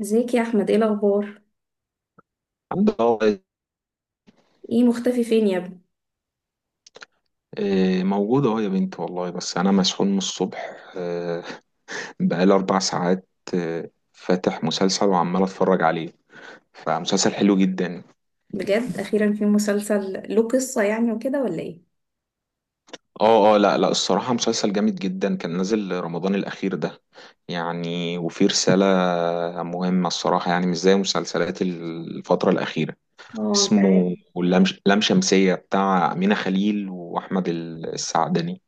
ازيك يا احمد؟ ايه الاخبار؟ الحمد لله والله. ايه مختفي فين يا ابني؟ موجود اهو يا بنتي والله، بس انا مسحول من الصبح، بقالي اربع ساعات، فاتح مسلسل وعمال اتفرج عليه، فمسلسل حلو جدا. بجد اخيرا في مسلسل له قصة يعني وكده ولا ايه؟ اه اه، لا لا، الصراحة مسلسل جامد جدا، كان نازل رمضان الاخير ده يعني، وفيه رسالة مهمة الصراحة، يعني مش زي مسلسلات الفترة الاخيرة. اه انت عارف. اسمه لام لام شمسية بتاع أمينة خليل وأحمد السعدني.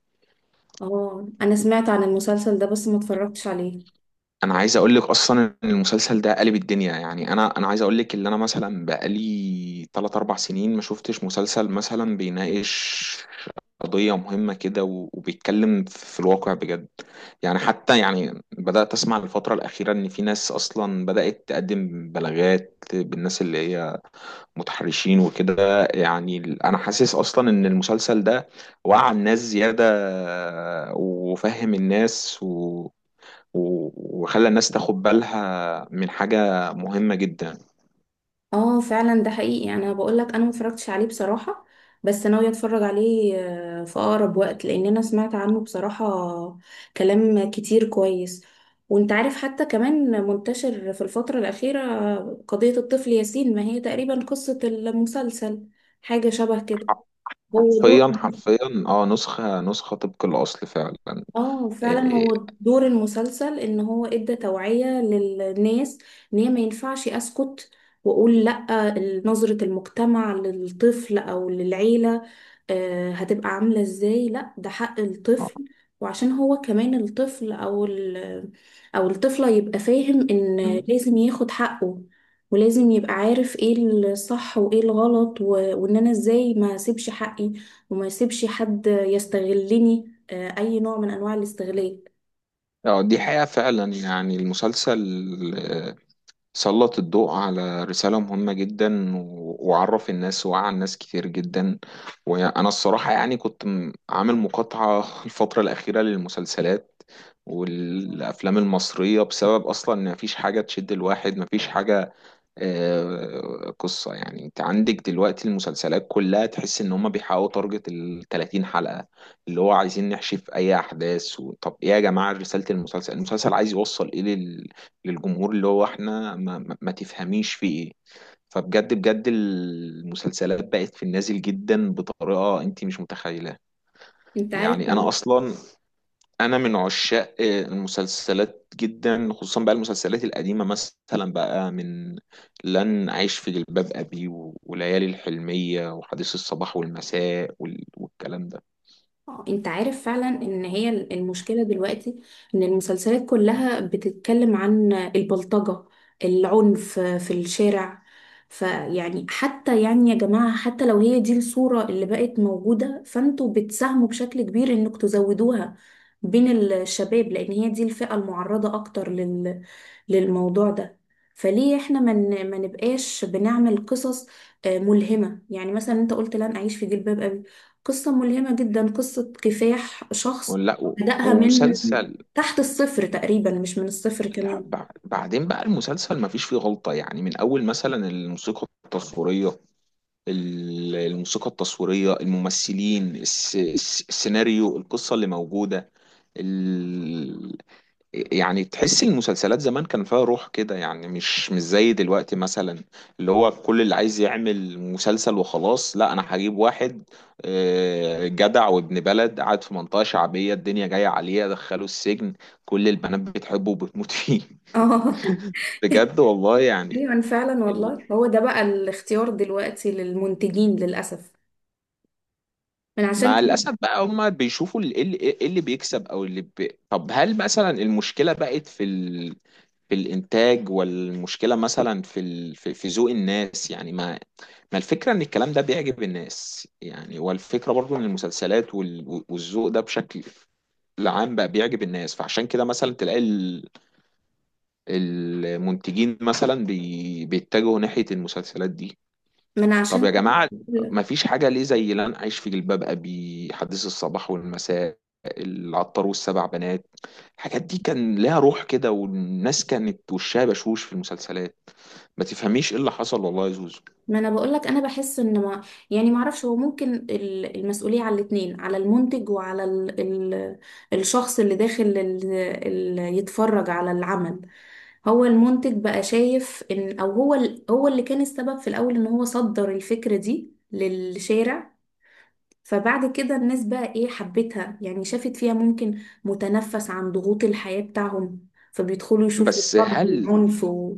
اه انا سمعت عن المسلسل ده بس ما اتفرجتش عليه. انا عايز اقول لك اصلا ان المسلسل ده قلب الدنيا، يعني انا عايز اقول لك ان انا مثلا بقالي 3 4 سنين ما شفتش مسلسل مثلا بيناقش قضية مهمة كده، وبيتكلم في الواقع بجد، يعني حتى يعني بدأت اسمع الفترة الأخيرة ان في ناس اصلا بدأت تقدم بلاغات بالناس اللي هي متحرشين وكده، يعني انا حاسس اصلا ان المسلسل ده وعى الناس زيادة وفهم الناس، وخلى الناس تاخد بالها من حاجة مهمة جدا. اه فعلا ده حقيقي، يعني انا بقول لك انا ما اتفرجتش عليه بصراحة، بس ناوية اتفرج عليه في اقرب وقت، لان انا سمعت عنه بصراحة كلام كتير كويس. وانت عارف حتى كمان منتشر في الفترة الأخيرة قضية الطفل ياسين، ما هي تقريبا قصة المسلسل حاجة شبه كده. حر- هو دور، حرفيا حرفيا، اه، نسخة نسخة طبق الأصل فعلا. اه فعلا إيه، إيه، هو دور المسلسل ان هو ادى توعية للناس ان هي ما ينفعش اسكت واقول لا. نظرة المجتمع للطفل او للعيلة هتبقى عاملة ازاي؟ لا ده حق اه، الطفل. وعشان هو كمان الطفل او ال او الطفلة يبقى فاهم ان مم، لازم ياخد حقه، ولازم يبقى عارف ايه الصح وايه الغلط. وان انا ازاي ما اسيبش حقي وما اسيبش حد يستغلني اي نوع من انواع الاستغلال. آه، دي حقيقة فعلا، يعني المسلسل، آه، سلط الضوء على رسالة مهمة جدا، وعرف الناس ووعى الناس كتير جدا. وأنا الصراحة يعني كنت عامل مقاطعة الفترة الأخيرة للمسلسلات والأفلام المصرية، بسبب أصلا إن مفيش حاجة تشد الواحد، مفيش حاجة، آه، قصة يعني. انت عندك دلوقتي المسلسلات كلها تحس ان هما بيحققوا تارجت ال 30 حلقة، اللي هو عايزين نحشف اي احداث. و... طب ايه يا جماعة، رسالة المسلسل، المسلسل عايز يوصل ايه للجمهور، اللي هو احنا ما تفهميش فيه ايه. فبجد بجد المسلسلات بقت في النازل جدا بطريقة انت مش متخيلة. انت عارف يعني لما انا اصلا انا من عشاق المسلسلات جدا، خصوصا بقى المسلسلات القديمه، مثلا بقى من لن اعيش في جلباب ابي وليالي الحلميه وحديث الصباح والمساء والكلام ده، انت عارف فعلا ان هي المشكلة دلوقتي ان المسلسلات كلها بتتكلم عن البلطجة، العنف في الشارع، فيعني حتى يعني يا جماعة حتى لو هي دي الصورة اللي بقت موجودة فانتوا بتساهموا بشكل كبير انك تزودوها بين الشباب، لان هي دي الفئة المعرضة اكتر للموضوع ده. فليه احنا ما نبقاش بنعمل قصص ملهمة؟ يعني مثلا انت قلت لن اعيش في جلباب، قصة ملهمة جدا، قصة كفاح شخص ولا بدأها من ومسلسل. تحت الصفر تقريبا، مش من الصفر لا، كمان. بعدين بقى المسلسل ما فيش فيه غلطه، يعني من اول مثلا الموسيقى التصويريه، الموسيقى التصويريه، الممثلين، السيناريو، القصه اللي موجوده. يعني تحس المسلسلات زمان كان فيها روح كده، يعني مش زي دلوقتي مثلا، اللي هو كل اللي عايز يعمل مسلسل وخلاص. لا، انا هجيب واحد، آه، جدع وابن بلد، قاعد في منطقة شعبية، الدنيا جاية عليه، ادخله السجن، كل البنات بتحبه وبتموت فيه اه بجد والله يعني. ايوه فعلا ال- والله، هو ده بقى الاختيار دلوقتي للمنتجين للأسف. من عشان مع كده، الاسف بقى هما بيشوفوا ايه اللي، إيه اللي بيكسب او اللي بي... طب هل مثلا المشكلة بقت في الانتاج، والمشكله مثلا في ال... في ذوق الناس، يعني ما الفكره ان الكلام ده بيعجب الناس، يعني والفكره برضو ان المسلسلات وال... والذوق ده بشكل العام بقى بيعجب الناس، فعشان كده مثلا تلاقي ال... المنتجين مثلا بي... بيتجهوا ناحيه المسلسلات دي. من طب عشان يا جماعه كده ما فيش حاجه ليه زي لن اعيش في جلباب ابي، حديث الصباح والمساء، العطار والسبع بنات. الحاجات دي كان لها روح كده، والناس كانت وشها بشوش في المسلسلات. ما تفهميش ايه اللي حصل والله يا زوزو. ما انا بقول لك انا بحس ان ما، يعني ما اعرفش، هو ممكن المسؤوليه على الاثنين، على المنتج وعلى ال الشخص اللي داخل ال يتفرج على العمل. هو المنتج بقى شايف ان او هو هو اللي كان السبب في الاول ان هو صدر الفكره دي للشارع، فبعد كده الناس بقى ايه حبتها، يعني شافت فيها ممكن متنفس عن ضغوط الحياه بتاعهم فبيدخلوا يشوفوا بس ضرب هل وعنف.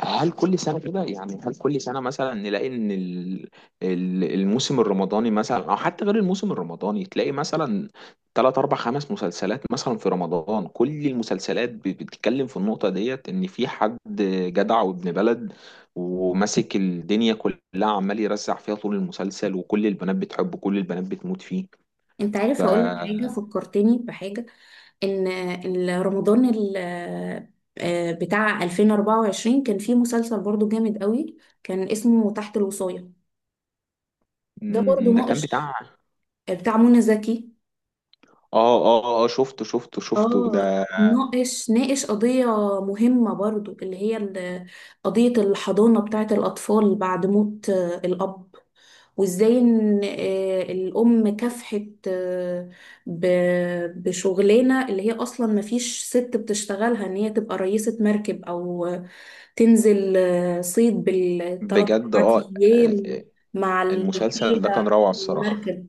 هل كل سنة كده، يعني هل كل سنة مثلا نلاقي ان الموسم الرمضاني مثلا او حتى غير الموسم الرمضاني، تلاقي مثلا تلات اربع خمس مسلسلات مثلا في رمضان، كل المسلسلات بتتكلم في النقطة ديت ان في حد جدع وابن بلد وماسك الدنيا كلها، عمال يرزع فيها طول المسلسل، وكل البنات بتحبه، كل البنات بتموت فيه. انت ف، عارف، هقول لك حاجه فكرتني بحاجه، ان رمضان بتاع 2024 كان فيه مسلسل برضو جامد قوي، كان اسمه تحت الوصاية. ده برضو مم، ده كان ناقش، بتاع، بتاع منى زكي. اه اه اه، شفته اه ده. ناقش قضية مهمة برضو، اللي هي قضية الحضانة بتاعت الأطفال بعد موت الأب. وإزاي إن الأم كافحت، بشغلانة اللي هي أصلا مفيش ست بتشتغلها، إن هي تبقى رئيسة مركب أو تنزل صيد بالثلاث بجد أربع اه. أيام مع المسلسل الرجالة ده كان على روعة الصراحة. المركب.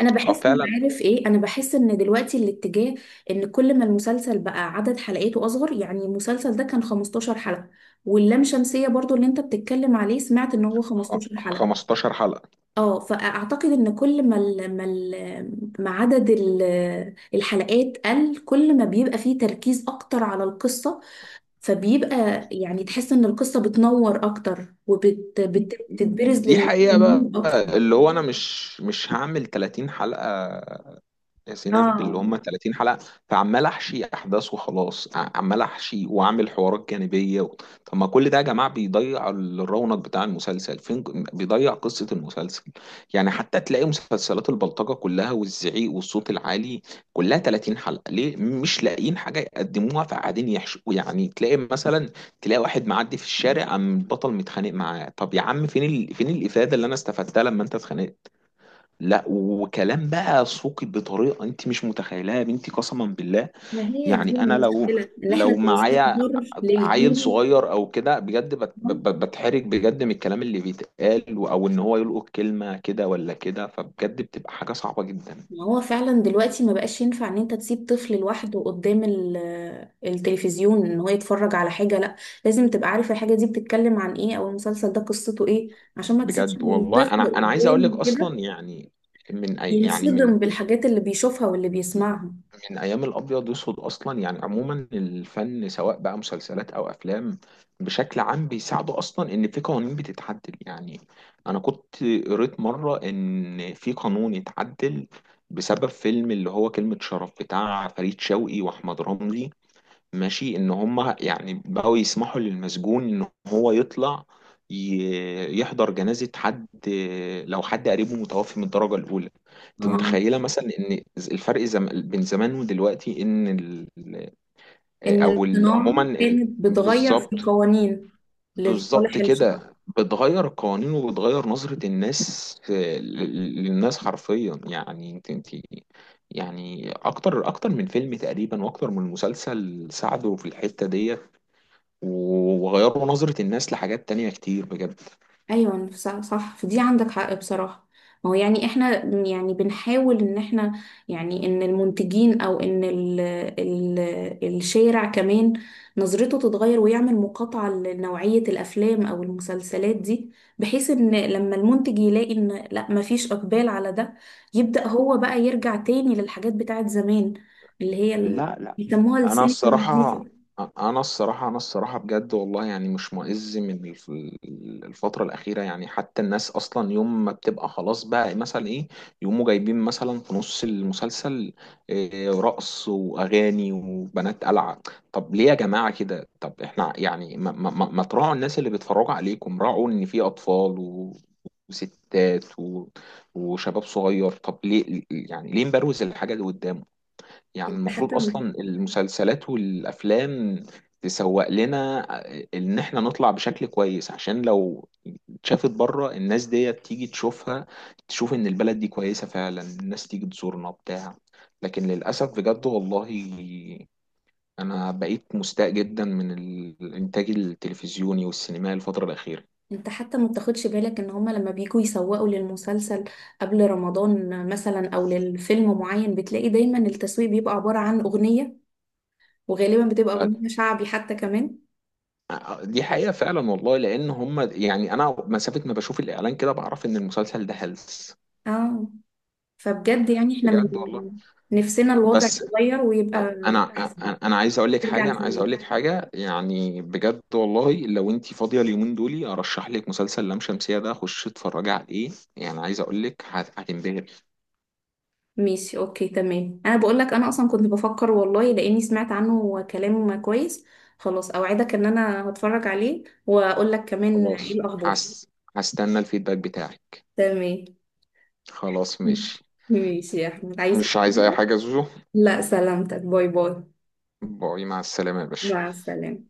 أنا اه بحس إن، فعلا. عارف إيه، أنا بحس إن دلوقتي الاتجاه إن كل ما المسلسل بقى عدد حلقاته أصغر، يعني المسلسل ده كان 15 حلقة، واللام شمسية برضو اللي أنت بتتكلم عليه سمعت إن هو 15 حلقة. 15 حلقة. اه فاعتقد ان كل ما ال ما ال ما عدد الحلقات قل كل ما بيبقى فيه تركيز اكتر على القصة، فبيبقى يعني تحس ان القصة بتنور اكتر وبتتبرز دي حقيقة بقى، للجمهور اكتر. اللي هو انا مش هعمل 30 حلقة يا سينا، باللي اه هم 30 حلقة، فعمال احشي احداث وخلاص، عمال احشي واعمل حوارات جانبية. و... طب ما كل ده يا جماعة بيضيع الرونق بتاع المسلسل فين، بيضيع قصة المسلسل. يعني حتى تلاقي مسلسلات البلطجة كلها والزعيق والصوت العالي كلها 30 حلقة، ليه؟ مش لاقيين حاجة يقدموها فقاعدين يحشوا. يعني تلاقي واحد معدي في الشارع، قام البطل متخانق معاه، طب يا عم فين ال... فين الإفادة اللي انا استفدتها لما انت اتخانقت؟ لا وكلام بقى سوقي بطريقه انت مش متخيلها يا بنتي، قسما بالله. ما هي دي يعني انا لو، المشكلة ان احنا لو معايا بنصدر عيل للجيل. صغير او كده، بجد بتحرج بجد من الكلام اللي بيتقال، او ان هو يلقط كلمه كده ولا كده، فبجد بتبقى حاجه صعبه جدا. ما هو فعلا دلوقتي ما بقاش ينفع ان انت تسيب طفل لوحده قدام التلفزيون ان هو يتفرج على حاجة، لا لازم تبقى عارف الحاجة دي بتتكلم عن ايه او المسلسل ده قصته ايه، عشان ما تسيبش بجد والله انا الطفل انا عايز اقول لك قدام كده اصلا، يعني من أي يعني، من ينصدم بالحاجات اللي بيشوفها واللي بيسمعها. من ايام الابيض واسود اصلا، يعني عموما الفن سواء بقى مسلسلات او افلام بشكل عام بيساعدوا اصلا ان في قوانين بتتعدل. يعني انا كنت قريت مره ان في قانون اتعدل بسبب فيلم اللي هو كلمه شرف بتاع فريد شوقي واحمد رمزي، ماشي، ان هم يعني بقوا يسمحوا للمسجون ان هو يطلع، يحضر جنازة حد لو حد قريبه متوفي من الدرجة الأولى. انت اه، متخيلة مثلا ان الفرق بين زمان ودلوقتي ان ال... إن او الصناعة عموما ال... كانت بتغير في بالظبط، القوانين لصالح بالظبط الشعب. كده بتغير القوانين، وبتغير نظرة الناس، آه، للناس حرفيا، يعني انت يعني اكتر اكتر من فيلم تقريبا واكتر من مسلسل ساعدوا في الحتة ديت، وغيروا نظرة الناس لحاجات تانية كتير بجد. أيوة صح، صح، في دي عندك حق بصراحة. ما هو يعني احنا يعني بنحاول ان احنا، يعني ان المنتجين او ان ال الشارع كمان نظرته تتغير، ويعمل مقاطعة لنوعية الافلام او المسلسلات دي، بحيث ان لما المنتج يلاقي ان لا مفيش اقبال على ده يبدأ هو بقى يرجع تاني للحاجات بتاعت زمان، اللي هي لا، بيسموها انا السينما الصراحه النظيفة. انا الصراحه بجد والله، يعني مش مئز من الفتره الاخيره، يعني حتى الناس اصلا يوم ما بتبقى خلاص بقى مثلا ايه، يقوموا جايبين مثلا في نص المسلسل، إيه، رقص واغاني وبنات قلعه. طب ليه يا جماعه كده؟ طب احنا يعني ما تراعوا الناس اللي بيتفرجوا عليكم، راعوا ان في اطفال وستات و... وشباب صغير. طب ليه يعني؟ ليه مبروز الحاجة اللي قدامه؟ يعني انت حتى المفروض اصلا م- المسلسلات والافلام تسوق لنا ان احنا نطلع بشكل كويس، عشان لو اتشافت بره، الناس دي تيجي تشوفها، تشوف ان البلد دي كويسة فعلا، الناس تيجي تزورنا بتاع، لكن للاسف بجد والله انا بقيت مستاء جدا من الانتاج التلفزيوني والسينمائي الفترة الأخيرة. انت حتى ما بتاخدش بالك ان هما لما بيجوا يسوقوا للمسلسل قبل رمضان مثلا او للفيلم معين، بتلاقي دايما التسويق بيبقى عبارة عن اغنية، وغالبا بتبقى اغنية شعبي حتى كمان. دي حقيقة فعلا والله، لأن هم يعني أنا مسافة ما بشوف الإعلان كده بعرف إن المسلسل ده هلس. اه فبجد يعني احنا من بجد والله. نفسنا الوضع بس يتغير ويبقى انا احسن، أنا عايز اقول لك ترجع حاجه، لزمان. يعني بجد والله، لو انت فاضيه اليومين دول ارشح لك مسلسل لام شمسيه ده، خش اتفرجي عليه، يعني عايز اقول لك هتنبهر. ماشي اوكي تمام، انا بقول لك انا اصلا كنت بفكر والله لاني سمعت عنه كلام كويس. خلاص اوعدك ان انا هتفرج عليه واقول لك كمان ايه خلاص. الاخبار. هس، هستنى الفيدباك بتاعي. تمام. خلاص ماشي. ماشي يا أحمد، عايز أي مش عايز اي حاجة؟ حاجه يا زوزو. لا سلامتك، باي باي. باي، مع السلامه يا باشا. مع السلامة.